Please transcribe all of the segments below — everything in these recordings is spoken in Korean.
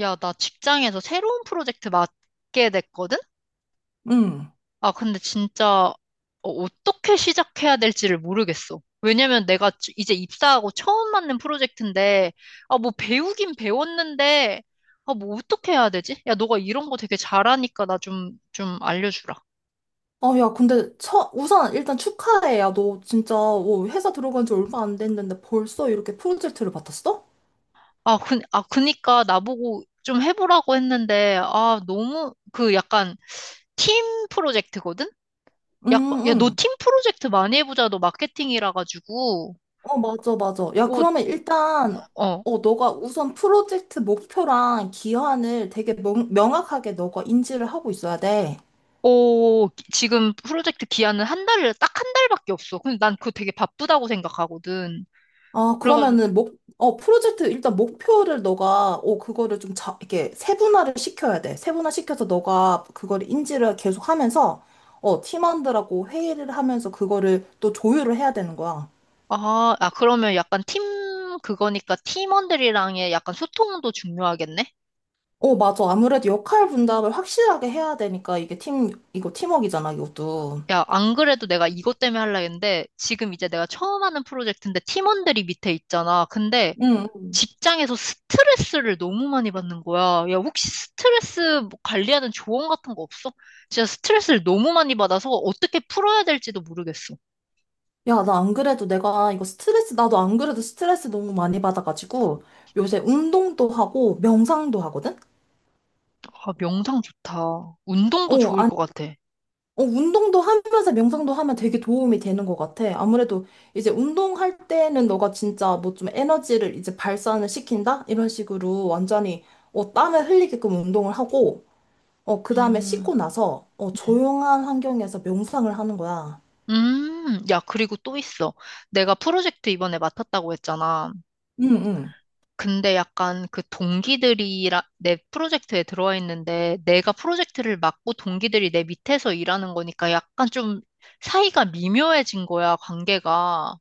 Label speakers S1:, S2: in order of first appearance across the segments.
S1: 야, 나 직장에서 새로운 프로젝트 맡게 됐거든?
S2: 응.
S1: 아, 근데 진짜 떻게 시작해야 될지를 모르겠어. 왜냐면 내가 이제 입사하고 처음 맡는 프로젝트인데, 아, 뭐 배우긴 배웠는데, 아, 뭐 어떻게 해야 되지? 야, 너가 이런 거 되게 잘하니까 나 좀 알려주라.
S2: 아, 야, 근데, 우선, 일단 축하해. 야, 너 진짜, 회사 들어간 지 얼마 안 됐는데 벌써 이렇게 프로젝트를 맡았어?
S1: 아, 그, 아, 그니까 나보고 좀 해보라고 했는데, 아, 너무 그 약간 팀 프로젝트거든?
S2: 응,
S1: 야, 야, 너
S2: 응.
S1: 팀 프로젝트 많이 해보자. 너 마케팅이라 가지고.
S2: 맞아, 맞아. 야,
S1: 어,
S2: 그러면 일단,
S1: 어,
S2: 너가 우선 프로젝트 목표랑 기한을 되게 명확하게 너가 인지를 하고 있어야 돼.
S1: 오, 지금 프로젝트 기한은 한 달을, 딱 한 달밖에 없어. 근데 난 그거 되게 바쁘다고 생각하거든.
S2: 아,
S1: 그래가지고,
S2: 그러면은 프로젝트 일단 목표를 너가, 그거를 좀 이렇게 세분화를 시켜야 돼. 세분화 시켜서 너가 그거를 인지를 계속 하면서, 팀원들하고 회의를 하면서 그거를 또 조율을 해야 되는 거야.
S1: 아, 아, 그러면 약간 팀, 그거니까 팀원들이랑의 약간 소통도 중요하겠네?
S2: 맞아. 아무래도 역할 분담을 확실하게 해야 되니까 이거 팀워크잖아, 이것도.
S1: 야, 안 그래도 내가 이것 때문에 하려 했는데, 지금 이제 내가 처음 하는 프로젝트인데 팀원들이 밑에 있잖아. 근데
S2: 응.
S1: 직장에서 스트레스를 너무 많이 받는 거야. 야, 혹시 스트레스 뭐 관리하는 조언 같은 거 없어? 진짜 스트레스를 너무 많이 받아서 어떻게 풀어야 될지도 모르겠어.
S2: 야, 나 안 그래도 내가 나도 안 그래도 스트레스 너무 많이 받아가지고 요새 운동도 하고 명상도 하거든?
S1: 아, 명상 좋다.
S2: 어,
S1: 운동도 좋을 것 같아.
S2: 운동도 하면서 명상도 하면 되게 도움이 되는 것 같아. 아무래도 이제 운동할 때는 너가 진짜 뭐 좀 에너지를 이제 발산을 시킨다? 이런 식으로 완전히 땀을 흘리게끔 운동을 하고, 그 다음에
S1: 음,
S2: 씻고 나서
S1: 음,
S2: 조용한 환경에서 명상을 하는 거야.
S1: 야, 그리고 또 있어. 내가 프로젝트 이번에 맡았다고 했잖아.
S2: 응, 응.
S1: 근데 약간 그 동기들이 라내 프로젝트에 들어와 있는데 내가 프로젝트를 맡고 동기들이 내 밑에서 일하는 거니까 약간 좀 사이가 미묘해진 거야, 관계가.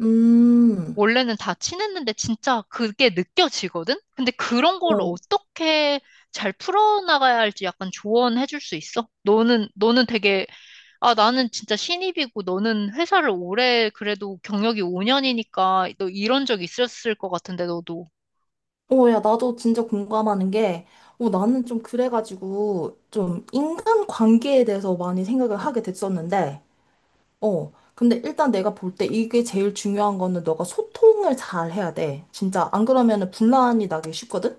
S2: 음,
S1: 원래는 다 친했는데 진짜 그게 느껴지거든? 근데 그런 걸
S2: 어,
S1: 어떻게 잘 풀어나가야 할지 약간 조언해줄 수 있어? 너는 되게, 아, 나는 진짜 신입이고 너는 회사를 오래 그래도 경력이 5년이니까 너 이런 적 있었을 것 같은데, 너도.
S2: 야, 나도 진짜 공감하는 게, 나는 좀 그래가지고 좀 인간 관계에 대해서 많이 생각을 하게 됐었는데, 근데 일단 내가 볼 때 이게 제일 중요한 거는 너가 소통을 잘 해야 돼. 진짜 안 그러면은 분란이 나기 쉽거든?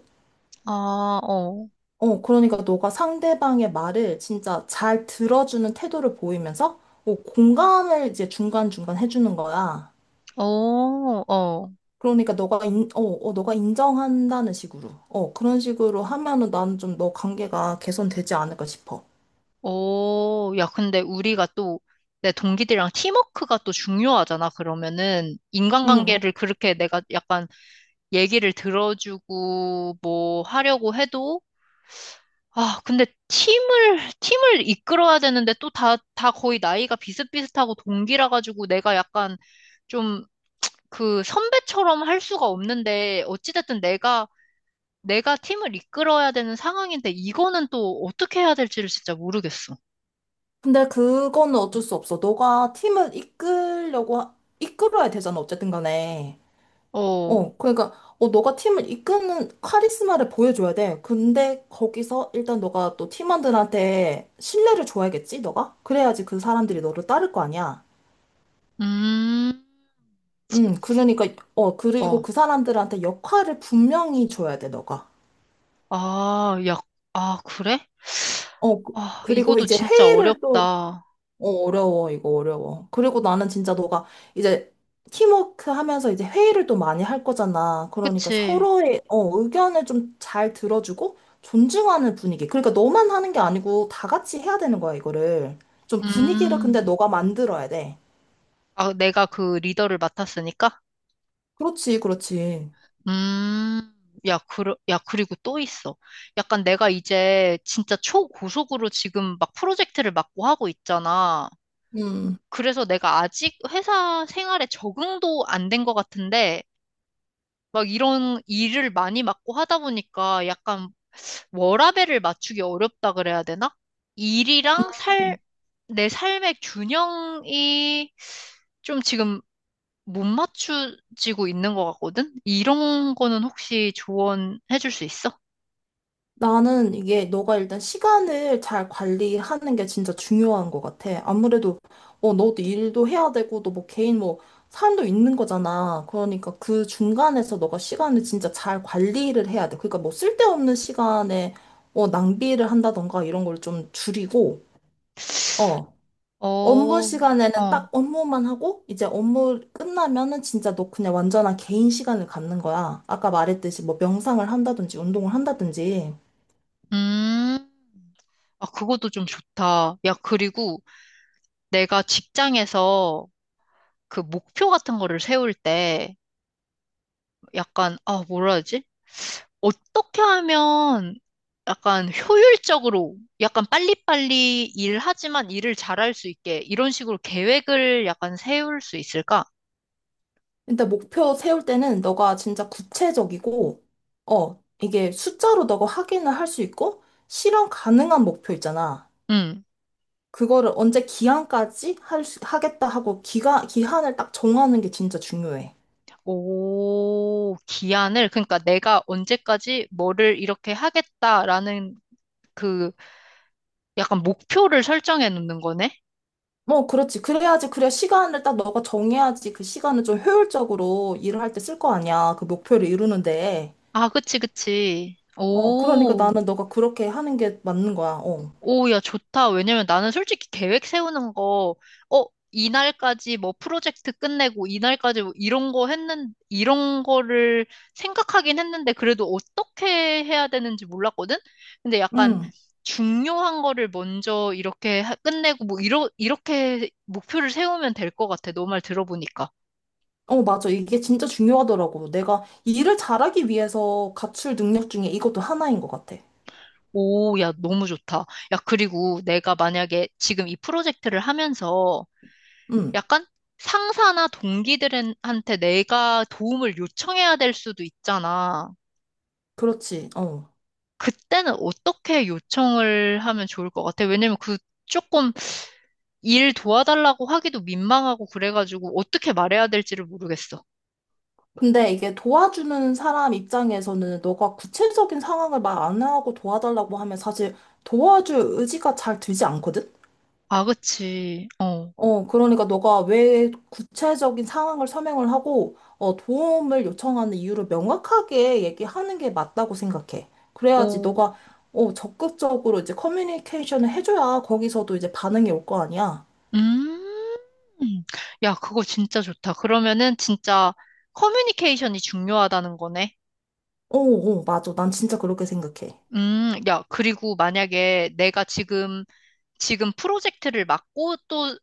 S1: 아, 어,
S2: 그러니까 너가 상대방의 말을 진짜 잘 들어주는 태도를 보이면서 공감을 이제 중간중간 해주는 거야.
S1: 어, 어,
S2: 그러니까 너가 인정한다는 식으로. 그런 식으로 하면은 나는 좀 너 관계가 개선되지 않을까 싶어.
S1: 어. 야, 근데 우리가 또 내 동기들이랑 팀워크가 또 중요하잖아, 그러면은.
S2: 응, 응.
S1: 인간관계를 그렇게 내가 약간 얘기를 들어주고 뭐 하려고 해도 아, 근데 팀을 이끌어야 되는데 또 다 거의 나이가 비슷비슷하고 동기라 가지고 내가 약간 좀 그 선배처럼 할 수가 없는데 어찌됐든 내가 팀을 이끌어야 되는 상황인데 이거는 또 어떻게 해야 될지를 진짜 모르겠어.
S2: 근데 그거는 어쩔 수 없어. 너가 팀을 이끌려고, 이끌어야 되잖아, 어쨌든 간에.
S1: 어,
S2: 그러니까, 너가 팀을 이끄는 카리스마를 보여줘야 돼. 근데 거기서 일단 너가 또 팀원들한테 신뢰를 줘야겠지, 너가? 그래야지 그 사람들이 너를 따를 거 아니야.
S1: 음,
S2: 그러니까, 그리고
S1: 어,
S2: 그 사람들한테 역할을 분명히 줘야 돼, 너가.
S1: 아, 야, 아, 그래?
S2: 어, 그-
S1: 아,
S2: 그리고
S1: 이것도
S2: 이제
S1: 진짜
S2: 회의를 또,
S1: 어렵다.
S2: 어려워, 이거 어려워. 그리고 나는 진짜 너가 이제 팀워크 하면서 이제 회의를 또 많이 할 거잖아. 그러니까
S1: 그치?
S2: 서로의 의견을 좀 잘 들어주고 존중하는 분위기. 그러니까 너만 하는 게 아니고 다 같이 해야 되는 거야, 이거를. 좀 분위기를
S1: 음.
S2: 근데 너가 만들어야 돼.
S1: 아, 내가 그 리더를 맡았으니까?
S2: 그렇지, 그렇지.
S1: 음, 야, 그, 야, 그리고 또 있어. 약간 내가 이제 진짜 초고속으로 지금 막 프로젝트를 맡고 하고 있잖아.
S2: 음.
S1: 그래서 내가 아직 회사 생활에 적응도 안 된 것 같은데, 막 이런 일을 많이 맡고 하다 보니까 약간 워라밸을 맞추기 어렵다 그래야 되나? 일이랑 살, 내 삶의 균형이 좀 지금 못 맞추지고 있는 것 같거든? 이런 거는 혹시 조언해 줄 수 있어?
S2: 나는 이게 너가 일단 시간을 잘 관리하는 게 진짜 중요한 것 같아. 아무래도 너도 일도 해야 되고 너 뭐 개인 뭐 삶도 있는 거잖아. 그러니까 그 중간에서 너가 시간을 진짜 잘 관리를 해야 돼. 그러니까 뭐 쓸데없는 시간에 낭비를 한다던가 이런 걸 좀 줄이고 어 업무
S1: 어,
S2: 시간에는
S1: 어,
S2: 딱 업무만 하고 이제 업무 끝나면은 진짜 너 그냥 완전한 개인 시간을 갖는 거야. 아까 말했듯이 뭐 명상을 한다든지 운동을 한다든지.
S1: 음. 아, 그것도 좀 좋다. 야, 그리고 내가 직장에서 그 목표 같은 거를 세울 때 약간, 아, 뭐라 하지? 어떻게 하면 약간 효율적으로, 약간 빨리빨리 일하지만 일을 잘할 수 있게 이런 식으로 계획을 약간 세울 수 있을까?
S2: 일단 목표 세울 때는 너가 진짜 구체적이고, 이게 숫자로 너가 확인을 할 수 있고, 실현 가능한 목표 있잖아.
S1: 음.
S2: 그거를 언제 기한까지 하겠다 하고 기한을 딱 정하는 게 진짜 중요해.
S1: 오, 기한을, 그러니까 내가 언제까지 뭐를 이렇게 하겠다라는 그 약간 목표를 설정해 놓는 거네?
S2: 뭐, 그렇지. 그래야지, 그래. 시간을 딱 너가 정해야지 그 시간을 좀 효율적으로 일을 할 때 쓸 거 아니야. 그 목표를 이루는데.
S1: 아, 그치, 그치.
S2: 그러니까
S1: 오,
S2: 나는 너가 그렇게 하는 게 맞는 거야. 어.
S1: 오, 야, 좋다. 왜냐면 나는 솔직히 계획 세우는 거, 어, 이날까지 뭐 프로젝트 끝내고 이날까지 뭐 이런 거 이런 거를 생각하긴 했는데 그래도 어떻게 해야 되는지 몰랐거든? 근데 약간
S2: 응.
S1: 중요한 거를 먼저 이렇게 끝내고 뭐 이렇게 목표를 세우면 될 것 같아. 너 말 들어보니까.
S2: 맞아. 이게 진짜 중요하더라고. 내가 일을 잘하기 위해서 갖출 능력 중에 이것도 하나인 것 같아.
S1: 오, 야, 너무 좋다. 야, 그리고 내가 만약에 지금 이 프로젝트를 하면서
S2: 응,
S1: 약간 상사나 동기들한테 내가 도움을 요청해야 될 수도 있잖아.
S2: 그렇지. 어.
S1: 그때는 어떻게 요청을 하면 좋을 것 같아? 왜냐면 그 조금 일 도와달라고 하기도 민망하고 그래가지고 어떻게 말해야 될지를 모르겠어.
S2: 근데 이게 도와주는 사람 입장에서는 너가 구체적인 상황을 말 안 하고 도와달라고 하면 사실 도와줄 의지가 잘 들지 않거든?
S1: 아, 그치. 어.
S2: 그러니까 너가 왜 구체적인 상황을 설명을 하고, 도움을 요청하는 이유를 명확하게 얘기하는 게 맞다고 생각해. 그래야지
S1: 오.
S2: 너가, 적극적으로 이제 커뮤니케이션을 해줘야 거기서도 이제 반응이 올 거 아니야.
S1: 음. 야, 그거 진짜 좋다. 그러면은 진짜 커뮤니케이션이 중요하다는 거네.
S2: 맞아. 난 진짜 그렇게 생각해.
S1: 야, 그리고 만약에 내가 지금 프로젝트를 맡고 또,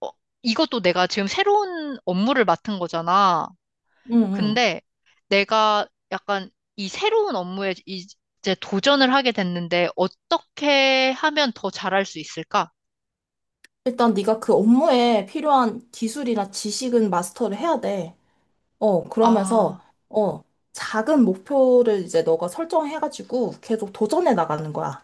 S1: 어, 이것도 내가 지금 새로운 업무를 맡은 거잖아.
S2: 응, 응.
S1: 근데 내가 약간 이 새로운 업무에 이제 도전을 하게 됐는데 어떻게 하면 더 잘할 수 있을까?
S2: 일단 네가 그 업무에 필요한 기술이나 지식은 마스터를 해야 돼. 그러면서,
S1: 아,
S2: 어, 작은 목표를 이제 너가 설정해가지고 계속 도전해 나가는 거야.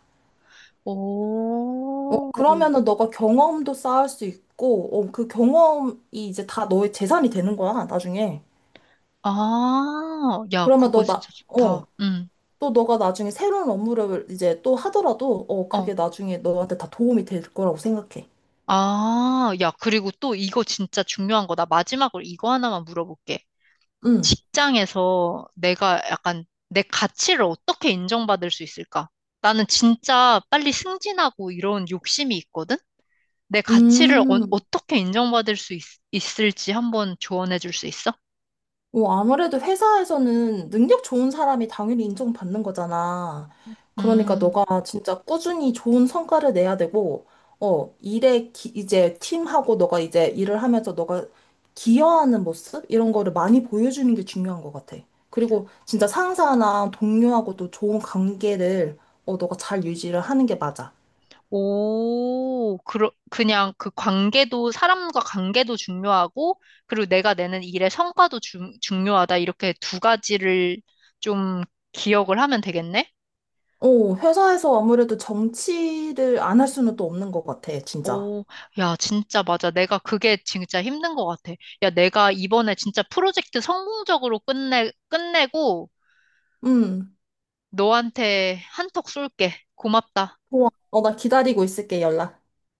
S1: 오,
S2: 그러면은 너가 경험도 쌓을 수 있고, 그 경험이 이제 다 너의 재산이 되는 거야, 나중에.
S1: 아, 야,
S2: 그러면
S1: 그거 진짜 좋다. 응,
S2: 또 너가 나중에 새로운 업무를 이제 또 하더라도,
S1: 어.
S2: 그게 나중에 너한테 다 도움이 될 거라고 생각해.
S1: 아, 야, 그리고 또 이거 진짜 중요한 거다. 마지막으로 이거 하나만 물어볼게.
S2: 응.
S1: 직장에서 내가 약간 내 가치를 어떻게 인정받을 수 있을까? 나는 진짜 빨리 승진하고 이런 욕심이 있거든? 내 가치를
S2: 음.
S1: 떻게 인정받을 수 있, 을지 한번 조언해 줄 수 있어?
S2: 아무래도 회사에서는 능력 좋은 사람이 당연히 인정받는 거잖아. 그러니까
S1: 음,
S2: 너가 진짜 꾸준히 좋은 성과를 내야 되고, 이제 팀하고 너가 이제 일을 하면서 너가 기여하는 모습? 이런 거를 많이 보여주는 게 중요한 것 같아. 그리고 진짜 상사나 동료하고도 좋은 관계를 너가 잘 유지를 하는 게 맞아.
S1: 오, 그냥 그 관계도, 사람과 관계도 중요하고, 그리고 내가 내는 일의 성과도 중요하다. 이렇게 두 가지를 좀 기억을 하면 되겠네?
S2: 회사에서 아무래도 정치를 안 할 수는 또 없는 것 같아, 진짜.
S1: 오, 야, 진짜 맞아. 내가 그게 진짜 힘든 것 같아. 야, 내가 이번에 진짜 프로젝트 성공적으로 끝내고
S2: 음,
S1: 너한테 한턱 쏠게. 고맙다.
S2: 좋아. 나 기다리고 있을게, 연락.